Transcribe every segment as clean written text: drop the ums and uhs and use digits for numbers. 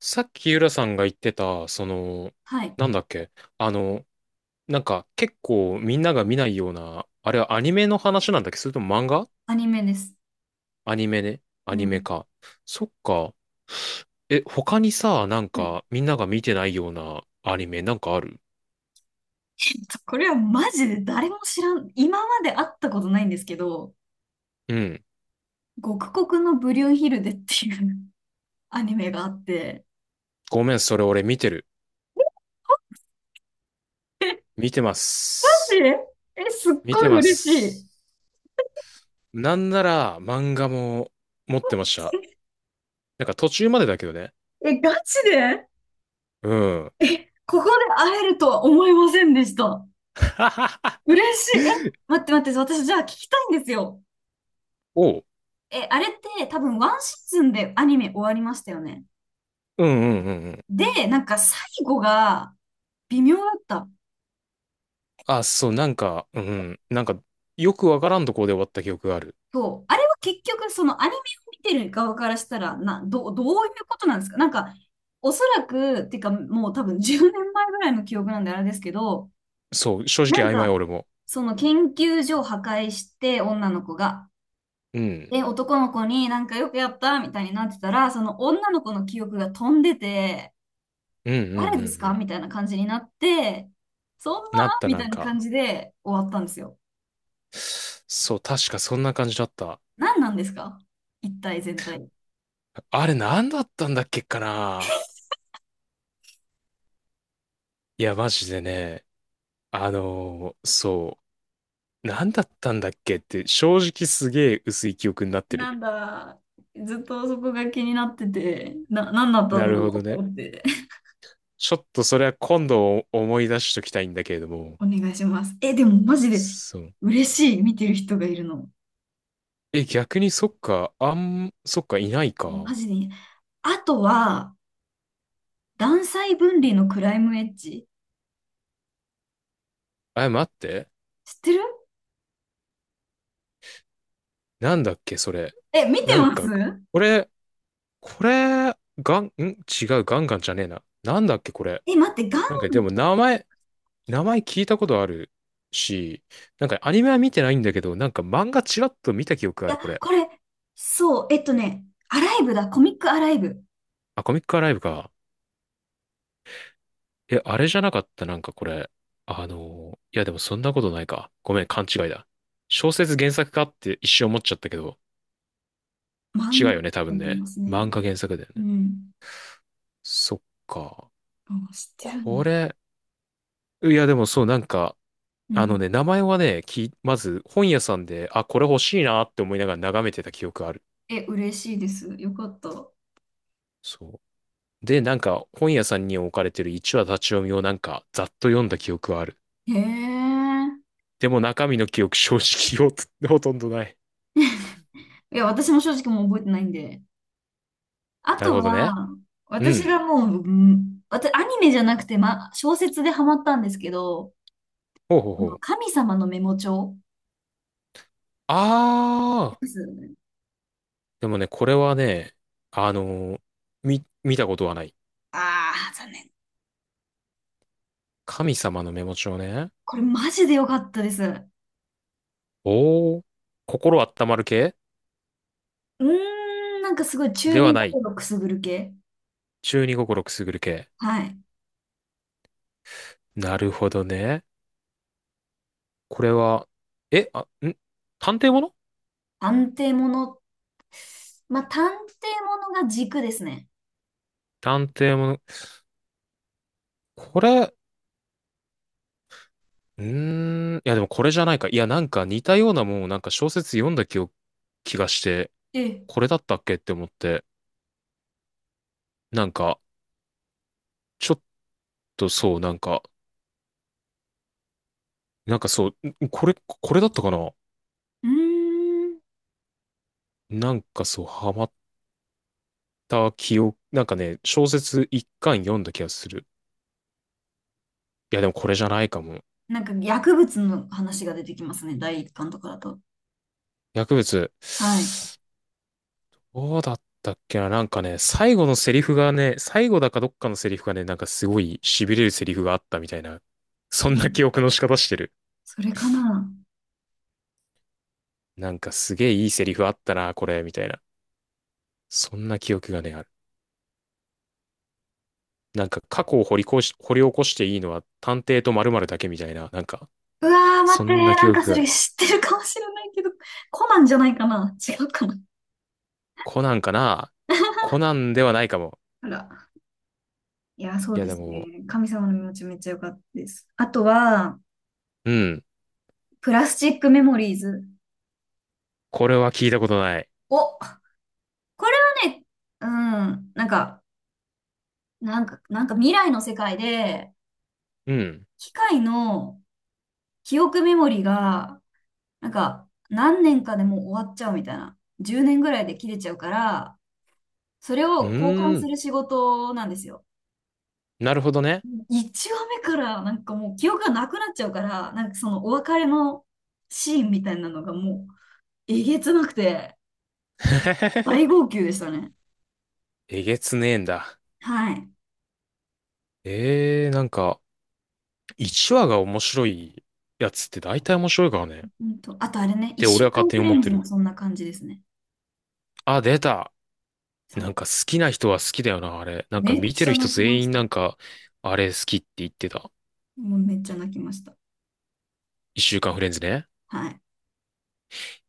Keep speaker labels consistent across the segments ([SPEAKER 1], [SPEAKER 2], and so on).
[SPEAKER 1] さっき浦さんが言ってた、
[SPEAKER 2] はい。
[SPEAKER 1] なんだっけ、あの、なんか結構みんなが見ないような、あれはアニメの話なんだっけ、それとも漫画？
[SPEAKER 2] アニメです。
[SPEAKER 1] アニメね。ア
[SPEAKER 2] う
[SPEAKER 1] ニメ
[SPEAKER 2] ん。
[SPEAKER 1] か。そっか。え、他にさ、なん
[SPEAKER 2] はい。
[SPEAKER 1] かみんなが見てないようなアニメなんかある？
[SPEAKER 2] これはマジで誰も知らん、今まで会ったことないんですけど、
[SPEAKER 1] うん。
[SPEAKER 2] 極国のブリュンヒルデっていう アニメがあって。
[SPEAKER 1] ごめん、それ俺見てる。見てます。
[SPEAKER 2] え、え、すっ
[SPEAKER 1] 見
[SPEAKER 2] ご
[SPEAKER 1] て
[SPEAKER 2] い
[SPEAKER 1] ま
[SPEAKER 2] 嬉しい。
[SPEAKER 1] す。なんなら漫画も持ってました。なんか途中までだけどね。
[SPEAKER 2] え、ガチで
[SPEAKER 1] うん。
[SPEAKER 2] え、ここで会えるとは思いませんでした。嬉しい。え、待って待って、私じゃあ聞きたいんですよ。
[SPEAKER 1] おう。
[SPEAKER 2] え、あれって多分ワンシーズンでアニメ終わりましたよね。
[SPEAKER 1] うんうんうんうん。
[SPEAKER 2] で、なんか最後が微妙だった。
[SPEAKER 1] あ、そう、なんか、うんうん。なんか、よくわからんとこで終わった記憶がある。
[SPEAKER 2] そう。あれは結局、そのアニメを見てる側からしたら、どういうことなんですか？なんか、おそらく、っていうか、もう多分10年前ぐらいの記憶なんであれですけど、
[SPEAKER 1] そう、正直
[SPEAKER 2] なん
[SPEAKER 1] 曖昧
[SPEAKER 2] か、
[SPEAKER 1] 俺も。
[SPEAKER 2] その研究所を破壊して、女の子が。
[SPEAKER 1] うん。
[SPEAKER 2] で、男の子になんかよくやったみたいになってたら、その女の子の記憶が飛んでて、
[SPEAKER 1] うんうんう
[SPEAKER 2] 誰です
[SPEAKER 1] んう
[SPEAKER 2] か
[SPEAKER 1] ん。
[SPEAKER 2] みたいな感じになって、そん
[SPEAKER 1] なっ
[SPEAKER 2] な
[SPEAKER 1] た、
[SPEAKER 2] み
[SPEAKER 1] な
[SPEAKER 2] た
[SPEAKER 1] ん
[SPEAKER 2] いな感
[SPEAKER 1] か。
[SPEAKER 2] じで終わったんですよ。
[SPEAKER 1] そう、確かそんな感じだった。
[SPEAKER 2] 何なんですか、一体全体。
[SPEAKER 1] あれ何だったんだっけかな。いや、マジでね。そう。何だったんだっけって、正直すげえ薄い記憶になって
[SPEAKER 2] な
[SPEAKER 1] る。
[SPEAKER 2] んだ、ずっとそこが気になってて、何だった
[SPEAKER 1] な
[SPEAKER 2] んだろ
[SPEAKER 1] る
[SPEAKER 2] う
[SPEAKER 1] ほど
[SPEAKER 2] と
[SPEAKER 1] ね。
[SPEAKER 2] 思って、
[SPEAKER 1] ちょっとそれは今度思い出しときたいんだけれども。
[SPEAKER 2] お願いします。え、でもマジで
[SPEAKER 1] そう。
[SPEAKER 2] 嬉しい、見てる人がいるの。
[SPEAKER 1] え、逆にそっか、あん、そっか、いない
[SPEAKER 2] マ
[SPEAKER 1] か。
[SPEAKER 2] ジでいい。あとは、断裁分離のクライムエッジ。
[SPEAKER 1] え、待って。
[SPEAKER 2] 知ってる？
[SPEAKER 1] なんだっけ、それ。
[SPEAKER 2] え、見て
[SPEAKER 1] なん
[SPEAKER 2] ます？
[SPEAKER 1] か、これ、これ、ガン、ん違う、ガンガンじゃねえな。なんだっけ、これ。
[SPEAKER 2] え、待って、
[SPEAKER 1] なん
[SPEAKER 2] い
[SPEAKER 1] か、でも、名前聞いたことあるし、なんか、アニメは見てないんだけど、なんか、漫画ちらっと見た記憶がある、
[SPEAKER 2] や、
[SPEAKER 1] これ。
[SPEAKER 2] これ、そう、アライブだ、コミックアライブ。
[SPEAKER 1] あ、コミックアライブか。え、あれじゃなかった、なんか、これ。いや、でも、そんなことないか。ごめん、勘違いだ。小説原作かって一瞬思っちゃったけど、違う
[SPEAKER 2] 漫画
[SPEAKER 1] よ
[SPEAKER 2] だ
[SPEAKER 1] ね、多
[SPEAKER 2] と
[SPEAKER 1] 分
[SPEAKER 2] 思い
[SPEAKER 1] ね。
[SPEAKER 2] ますね。
[SPEAKER 1] 漫画原作だよ
[SPEAKER 2] う
[SPEAKER 1] ね。
[SPEAKER 2] ん。
[SPEAKER 1] そっか。
[SPEAKER 2] あ、知ってるん
[SPEAKER 1] こ
[SPEAKER 2] だ。
[SPEAKER 1] れ、いやでもそう、なんか、
[SPEAKER 2] う
[SPEAKER 1] あの
[SPEAKER 2] ん。
[SPEAKER 1] ね、名前はね、まず本屋さんで、あ、これ欲しいなって思いながら眺めてた記憶ある。
[SPEAKER 2] え、嬉しいです。よかった。
[SPEAKER 1] そう。で、なんか本屋さんに置かれてる一話立ち読みをなんかざっと読んだ記憶はある。
[SPEAKER 2] へえ。
[SPEAKER 1] でも中身の記憶正直よ、ほとんどない。
[SPEAKER 2] いや、私も正直もう覚えてないんで。あ
[SPEAKER 1] なる
[SPEAKER 2] と
[SPEAKER 1] ほどね。
[SPEAKER 2] は、
[SPEAKER 1] う
[SPEAKER 2] 私
[SPEAKER 1] ん。
[SPEAKER 2] がもう、うん、私、アニメじゃなくて、ま、小説でハマったんですけど、
[SPEAKER 1] ほうほう
[SPEAKER 2] あ
[SPEAKER 1] ほ
[SPEAKER 2] の
[SPEAKER 1] う。
[SPEAKER 2] 神様のメモ帳
[SPEAKER 1] あ
[SPEAKER 2] で
[SPEAKER 1] ー。
[SPEAKER 2] すよね？
[SPEAKER 1] でもね、これはね、あのーみ、見たことはない。
[SPEAKER 2] ああー、残念。
[SPEAKER 1] 神様のメモ帳ね。
[SPEAKER 2] これマジで良かったです。う
[SPEAKER 1] おー、心温まる系
[SPEAKER 2] ーん、なんかすごい中
[SPEAKER 1] では
[SPEAKER 2] 二
[SPEAKER 1] ない。
[SPEAKER 2] 心くすぐる系。
[SPEAKER 1] 中二心くすぐる系。
[SPEAKER 2] はい。
[SPEAKER 1] なるほどね。これは、え、あ、ん、探偵もの。
[SPEAKER 2] 探偵もの。まあ、探偵ものが軸ですね。
[SPEAKER 1] 探偵もの。これ、うーん、いやでもこれじゃないか。いやなんか似たようなもんをなんか小説読んだ記憶、気がして、
[SPEAKER 2] ええ。
[SPEAKER 1] これだったっけって思って、なんか、ちょっとそう、なんか、なんかそう、ん、これ、これだったかな。
[SPEAKER 2] うーん。
[SPEAKER 1] なんかそう、ハマった記憶、なんかね、小説一巻読んだ気がする。いやでもこれじゃないかも。
[SPEAKER 2] なんか薬物の話が出てきますね。第一巻とかだと。
[SPEAKER 1] 薬物。
[SPEAKER 2] はい。
[SPEAKER 1] どうだったっけな。なんかね、最後のセリフがね、最後だかどっかのセリフがね、なんかすごい痺れるセリフがあったみたいな。そ
[SPEAKER 2] え
[SPEAKER 1] ん
[SPEAKER 2] え、
[SPEAKER 1] な記憶の仕方してる。
[SPEAKER 2] それかな。
[SPEAKER 1] なんかすげえいいセリフあったな、これ、みたいな。そんな記憶がね、ある。なんか過去を掘り起こしていいのは探偵と〇〇だけみたいな。なんか、
[SPEAKER 2] うわー、待
[SPEAKER 1] そ
[SPEAKER 2] って、
[SPEAKER 1] んな記
[SPEAKER 2] なんか
[SPEAKER 1] 憶
[SPEAKER 2] そ
[SPEAKER 1] が。
[SPEAKER 2] れ知ってるかもしれないけど、コナンじゃないかな？違うかな？
[SPEAKER 1] コナンかな。コナンではないかも。
[SPEAKER 2] あら。いや、そ
[SPEAKER 1] い
[SPEAKER 2] う
[SPEAKER 1] や
[SPEAKER 2] で
[SPEAKER 1] で
[SPEAKER 2] すね。
[SPEAKER 1] も、
[SPEAKER 2] 神様の身持ちめっちゃ良かったです。あとは、
[SPEAKER 1] うん。
[SPEAKER 2] プラスチックメモリーズ。
[SPEAKER 1] これは聞いたことない。
[SPEAKER 2] お、これはね、うん、なんか未来の世界で、
[SPEAKER 1] うん。
[SPEAKER 2] 機械の記憶メモリーが、なんか、何年かでもう終わっちゃうみたいな。10年ぐらいで切れちゃうから、それ
[SPEAKER 1] う
[SPEAKER 2] を交換
[SPEAKER 1] ー
[SPEAKER 2] す
[SPEAKER 1] ん。
[SPEAKER 2] る仕事なんですよ。
[SPEAKER 1] なるほどね。
[SPEAKER 2] 1話目からなんかもう記憶がなくなっちゃうから、なんかそのお別れのシーンみたいなのがもうえげつなくて大 号泣でしたね。
[SPEAKER 1] えげつねえんだ。
[SPEAKER 2] はい。
[SPEAKER 1] ええー、なんか、1話が面白いやつって大体面白いからね。っ
[SPEAKER 2] あとあれね、
[SPEAKER 1] て
[SPEAKER 2] 1
[SPEAKER 1] 俺
[SPEAKER 2] 週
[SPEAKER 1] は勝
[SPEAKER 2] 間
[SPEAKER 1] 手
[SPEAKER 2] フ
[SPEAKER 1] に
[SPEAKER 2] レ
[SPEAKER 1] 思っ
[SPEAKER 2] ン
[SPEAKER 1] て
[SPEAKER 2] ズも
[SPEAKER 1] る。
[SPEAKER 2] そんな感じですね。
[SPEAKER 1] あ、出た。なん
[SPEAKER 2] そ
[SPEAKER 1] か好きな人は好きだよな、あれ。な
[SPEAKER 2] う。
[SPEAKER 1] んか
[SPEAKER 2] めっ
[SPEAKER 1] 見て
[SPEAKER 2] ち
[SPEAKER 1] る
[SPEAKER 2] ゃ
[SPEAKER 1] 人
[SPEAKER 2] 泣きま
[SPEAKER 1] 全
[SPEAKER 2] し
[SPEAKER 1] 員な
[SPEAKER 2] た。
[SPEAKER 1] んか、あれ好きって言ってた。
[SPEAKER 2] もうめっちゃ泣きました。
[SPEAKER 1] 一週間フレンズね。
[SPEAKER 2] はい。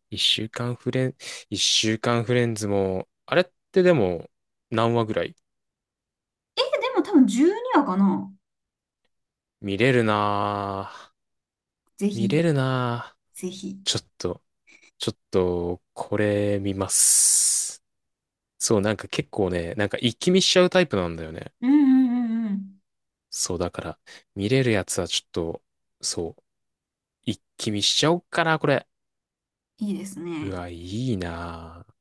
[SPEAKER 1] 一週間フレン、一週間フレンズも、あれってでも、何話ぐらい
[SPEAKER 2] え、でも多分12話かな？
[SPEAKER 1] 見れるなぁ。
[SPEAKER 2] ぜ
[SPEAKER 1] 見
[SPEAKER 2] ひ、
[SPEAKER 1] れるな
[SPEAKER 2] ぜひ。
[SPEAKER 1] ぁ。ちょっと、ちょっと、これ見ます。そう、なんか結構ね、なんか一気見しちゃうタイプなんだよね。
[SPEAKER 2] うんうんうんうん。
[SPEAKER 1] そう、だから、見れるやつはちょっと、そう、一気見しちゃおっかな、これ。
[SPEAKER 2] いいです
[SPEAKER 1] う
[SPEAKER 2] ね。
[SPEAKER 1] わ、いいなぁ。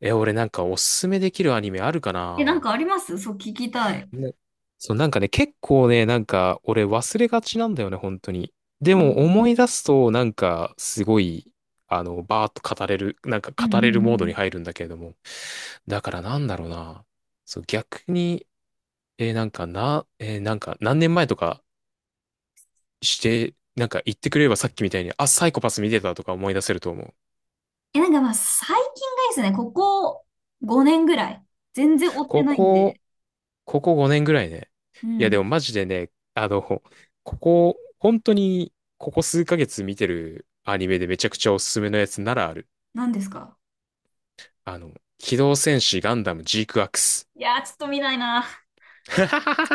[SPEAKER 1] え、俺なんかおすすめできるアニメあるか
[SPEAKER 2] え、なん
[SPEAKER 1] な
[SPEAKER 2] かあります？そう、聞きたい。
[SPEAKER 1] ぁね。そう、なんかね、結構ね、なんか俺忘れがちなんだよね、本当に。で
[SPEAKER 2] あ、う
[SPEAKER 1] も思
[SPEAKER 2] ん
[SPEAKER 1] い出すと、なんかすごい、バーッと語れる、なんか
[SPEAKER 2] うん
[SPEAKER 1] 語れ
[SPEAKER 2] う
[SPEAKER 1] るモードに
[SPEAKER 2] ん。
[SPEAKER 1] 入るんだけれども。だからなんだろうな。そう、逆に、なんかな、なんか何年前とかして、なんか言ってくれればさっきみたいに、あ、サイコパス見てたとか思い出せると思う。
[SPEAKER 2] え、なんかまあ最近がいいですね。ここ5年ぐらい。全然追って
[SPEAKER 1] こ
[SPEAKER 2] ないん
[SPEAKER 1] こ、
[SPEAKER 2] で。
[SPEAKER 1] ここ5年ぐらいね。
[SPEAKER 2] う
[SPEAKER 1] いやで
[SPEAKER 2] ん。
[SPEAKER 1] もマジでね、ここ、本当に、ここ数ヶ月見てるアニメでめちゃくちゃおすすめのやつならある。
[SPEAKER 2] 何ですか？
[SPEAKER 1] あの、機動戦士ガンダムジークアクス。
[SPEAKER 2] いやー、ちょっと見ないな。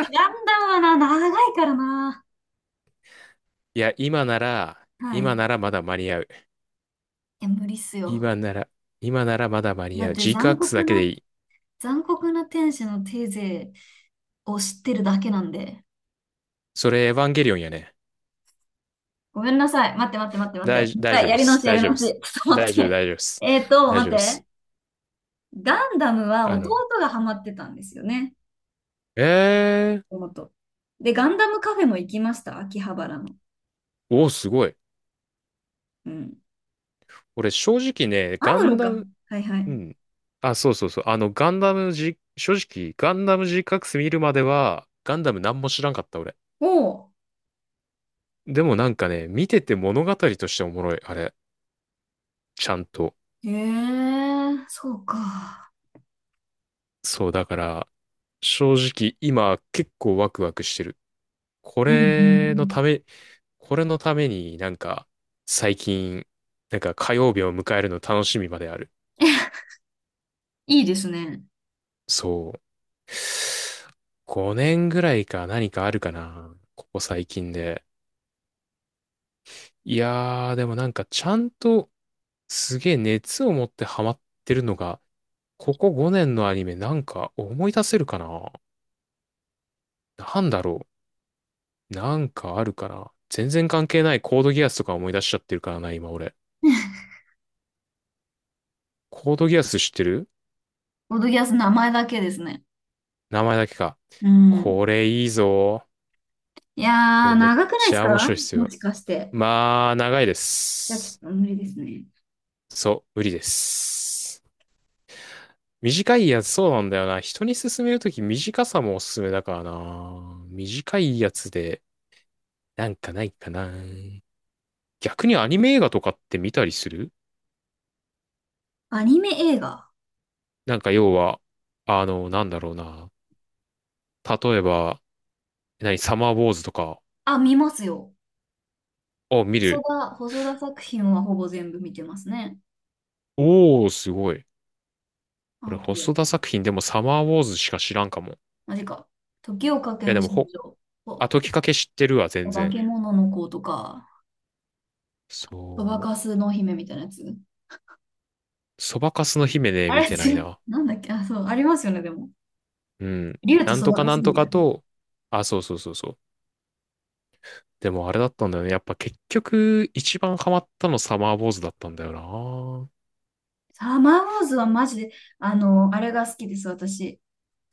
[SPEAKER 2] ちょっと ガンダムはな、長いからな。
[SPEAKER 1] いや、今なら、
[SPEAKER 2] はい。
[SPEAKER 1] 今
[SPEAKER 2] い
[SPEAKER 1] ならまだ間に合う。
[SPEAKER 2] や、無理っすよ。
[SPEAKER 1] 今なら、今ならまだ間に
[SPEAKER 2] だ
[SPEAKER 1] 合
[SPEAKER 2] っ
[SPEAKER 1] う。
[SPEAKER 2] て
[SPEAKER 1] ジーク
[SPEAKER 2] 残
[SPEAKER 1] アクス
[SPEAKER 2] 酷
[SPEAKER 1] だけで
[SPEAKER 2] な、
[SPEAKER 1] いい。
[SPEAKER 2] 残酷な天使のテーゼを知ってるだけなんで。
[SPEAKER 1] それエヴァンゲリオンやね。
[SPEAKER 2] ごめんなさい。待って待って待って待って。もう一
[SPEAKER 1] 大丈
[SPEAKER 2] 回
[SPEAKER 1] 夫
[SPEAKER 2] や
[SPEAKER 1] で
[SPEAKER 2] り直
[SPEAKER 1] す。
[SPEAKER 2] しや
[SPEAKER 1] 大
[SPEAKER 2] り
[SPEAKER 1] 丈夫
[SPEAKER 2] 直
[SPEAKER 1] で
[SPEAKER 2] し。
[SPEAKER 1] す。
[SPEAKER 2] ちょっと待
[SPEAKER 1] 大
[SPEAKER 2] っ
[SPEAKER 1] 丈夫、
[SPEAKER 2] て。
[SPEAKER 1] 大丈夫です。大
[SPEAKER 2] 待っ
[SPEAKER 1] 丈夫で
[SPEAKER 2] て。
[SPEAKER 1] す。
[SPEAKER 2] ガンダムは
[SPEAKER 1] あの、
[SPEAKER 2] 弟がハマってたんですよね。
[SPEAKER 1] えー、
[SPEAKER 2] 妹。で、ガンダムカフェも行きました。秋葉原の。
[SPEAKER 1] おー、すごい。
[SPEAKER 2] うん。
[SPEAKER 1] 俺、正直ね、
[SPEAKER 2] あ
[SPEAKER 1] ガ
[SPEAKER 2] る
[SPEAKER 1] ン
[SPEAKER 2] の
[SPEAKER 1] ダ
[SPEAKER 2] か。
[SPEAKER 1] ム、
[SPEAKER 2] はいは
[SPEAKER 1] う
[SPEAKER 2] い。
[SPEAKER 1] ん。あ、そうそうそう。あの、ガンダムじ、正直、ガンダム g c クス見るまでは、ガンダム何も知らんかった、俺。
[SPEAKER 2] おう。
[SPEAKER 1] でもなんかね、見てて物語としておもろい、あれ。ちゃんと。
[SPEAKER 2] へえ、そうか。
[SPEAKER 1] そう、だから、正直、今、結構ワクワクしてる。こ
[SPEAKER 2] うんうんう
[SPEAKER 1] れの
[SPEAKER 2] ん。
[SPEAKER 1] ため、これのためになんか、最近、なんか火曜日を迎えるの楽しみまである。
[SPEAKER 2] いいですね。
[SPEAKER 1] そう。5年ぐらいか何かあるかな。ここ最近で。いやー、でもなんかちゃんとすげえ熱を持ってハマってるのが、ここ5年のアニメなんか思い出せるかな。なんだろう。なんかあるかな。全然関係ないコードギアスとか思い出しちゃってるからな、今俺。コードギアス知ってる？
[SPEAKER 2] ボドギアス名前だけですね。
[SPEAKER 1] 名前だけか。
[SPEAKER 2] うん。
[SPEAKER 1] これいいぞ。
[SPEAKER 2] い
[SPEAKER 1] こ
[SPEAKER 2] や
[SPEAKER 1] れ
[SPEAKER 2] ー、
[SPEAKER 1] めっ
[SPEAKER 2] 長くないで
[SPEAKER 1] ち
[SPEAKER 2] す
[SPEAKER 1] ゃ面
[SPEAKER 2] か
[SPEAKER 1] 白いっす
[SPEAKER 2] も
[SPEAKER 1] よ。
[SPEAKER 2] しかして？
[SPEAKER 1] まあ、長いで
[SPEAKER 2] いや、ちょっ
[SPEAKER 1] す。
[SPEAKER 2] と無理ですね。
[SPEAKER 1] そう、無理です。短いやつ、そうなんだよな。人に勧めるとき短さもおすすめだからな。短いやつで、なんかないかな。逆にアニメ映画とかって見たりする？
[SPEAKER 2] アニメ映画。
[SPEAKER 1] なんか要は、なんだろうな。例えば、何、サマーウォーズとか
[SPEAKER 2] あ、見ますよ。
[SPEAKER 1] を見
[SPEAKER 2] 細
[SPEAKER 1] る。
[SPEAKER 2] 田、細田作品はほぼ全部見てますね。
[SPEAKER 1] おー、すごい。俺、
[SPEAKER 2] あとは、
[SPEAKER 1] 細田作品でもサマーウォーズしか知らんかも。い
[SPEAKER 2] マジか。時をかけ
[SPEAKER 1] や、で
[SPEAKER 2] る
[SPEAKER 1] も、
[SPEAKER 2] 少女
[SPEAKER 1] あ、
[SPEAKER 2] と、
[SPEAKER 1] 時かけ知ってるわ、全
[SPEAKER 2] 化
[SPEAKER 1] 然。
[SPEAKER 2] け物の子とか、そば
[SPEAKER 1] そ
[SPEAKER 2] か
[SPEAKER 1] う。
[SPEAKER 2] すの姫みたいなやつ。
[SPEAKER 1] そばかすの姫ね、
[SPEAKER 2] あ
[SPEAKER 1] 見
[SPEAKER 2] れ、
[SPEAKER 1] てないな。
[SPEAKER 2] なんだっけ、あ、そう、ありますよね、でも。
[SPEAKER 1] うん。
[SPEAKER 2] 竜と
[SPEAKER 1] なん
[SPEAKER 2] そ
[SPEAKER 1] と
[SPEAKER 2] ばが
[SPEAKER 1] か
[SPEAKER 2] 好
[SPEAKER 1] なん
[SPEAKER 2] き
[SPEAKER 1] と
[SPEAKER 2] みた
[SPEAKER 1] か
[SPEAKER 2] いな。
[SPEAKER 1] と、あ、そうそうそうそう。でもあれだったんだよね。やっぱ結局、一番ハマったのサマーボーズだったんだよな。
[SPEAKER 2] サーマーウォーズはマジで、あの、あれが好きです、私。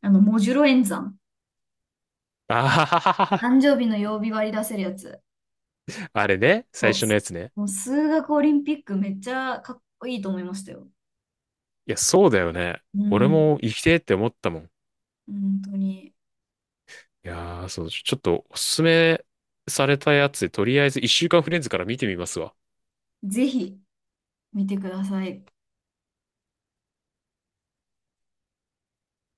[SPEAKER 2] あの、モジュロ演算。
[SPEAKER 1] あはははは。
[SPEAKER 2] 誕生日の曜日割り出せるやつ。
[SPEAKER 1] あれね、
[SPEAKER 2] そ
[SPEAKER 1] 最
[SPEAKER 2] う。
[SPEAKER 1] 初のやつね。
[SPEAKER 2] もう数学オリンピックめっちゃかっこいいと思いましたよ。
[SPEAKER 1] いや、そうだよね。
[SPEAKER 2] う
[SPEAKER 1] 俺
[SPEAKER 2] ん。
[SPEAKER 1] も生きてえって思ったもん。
[SPEAKER 2] 本当に。
[SPEAKER 1] いやー、そう、ちょっとおすすめされたやつ、とりあえず一週間フレンズから見てみますわ。
[SPEAKER 2] ぜひ見てください。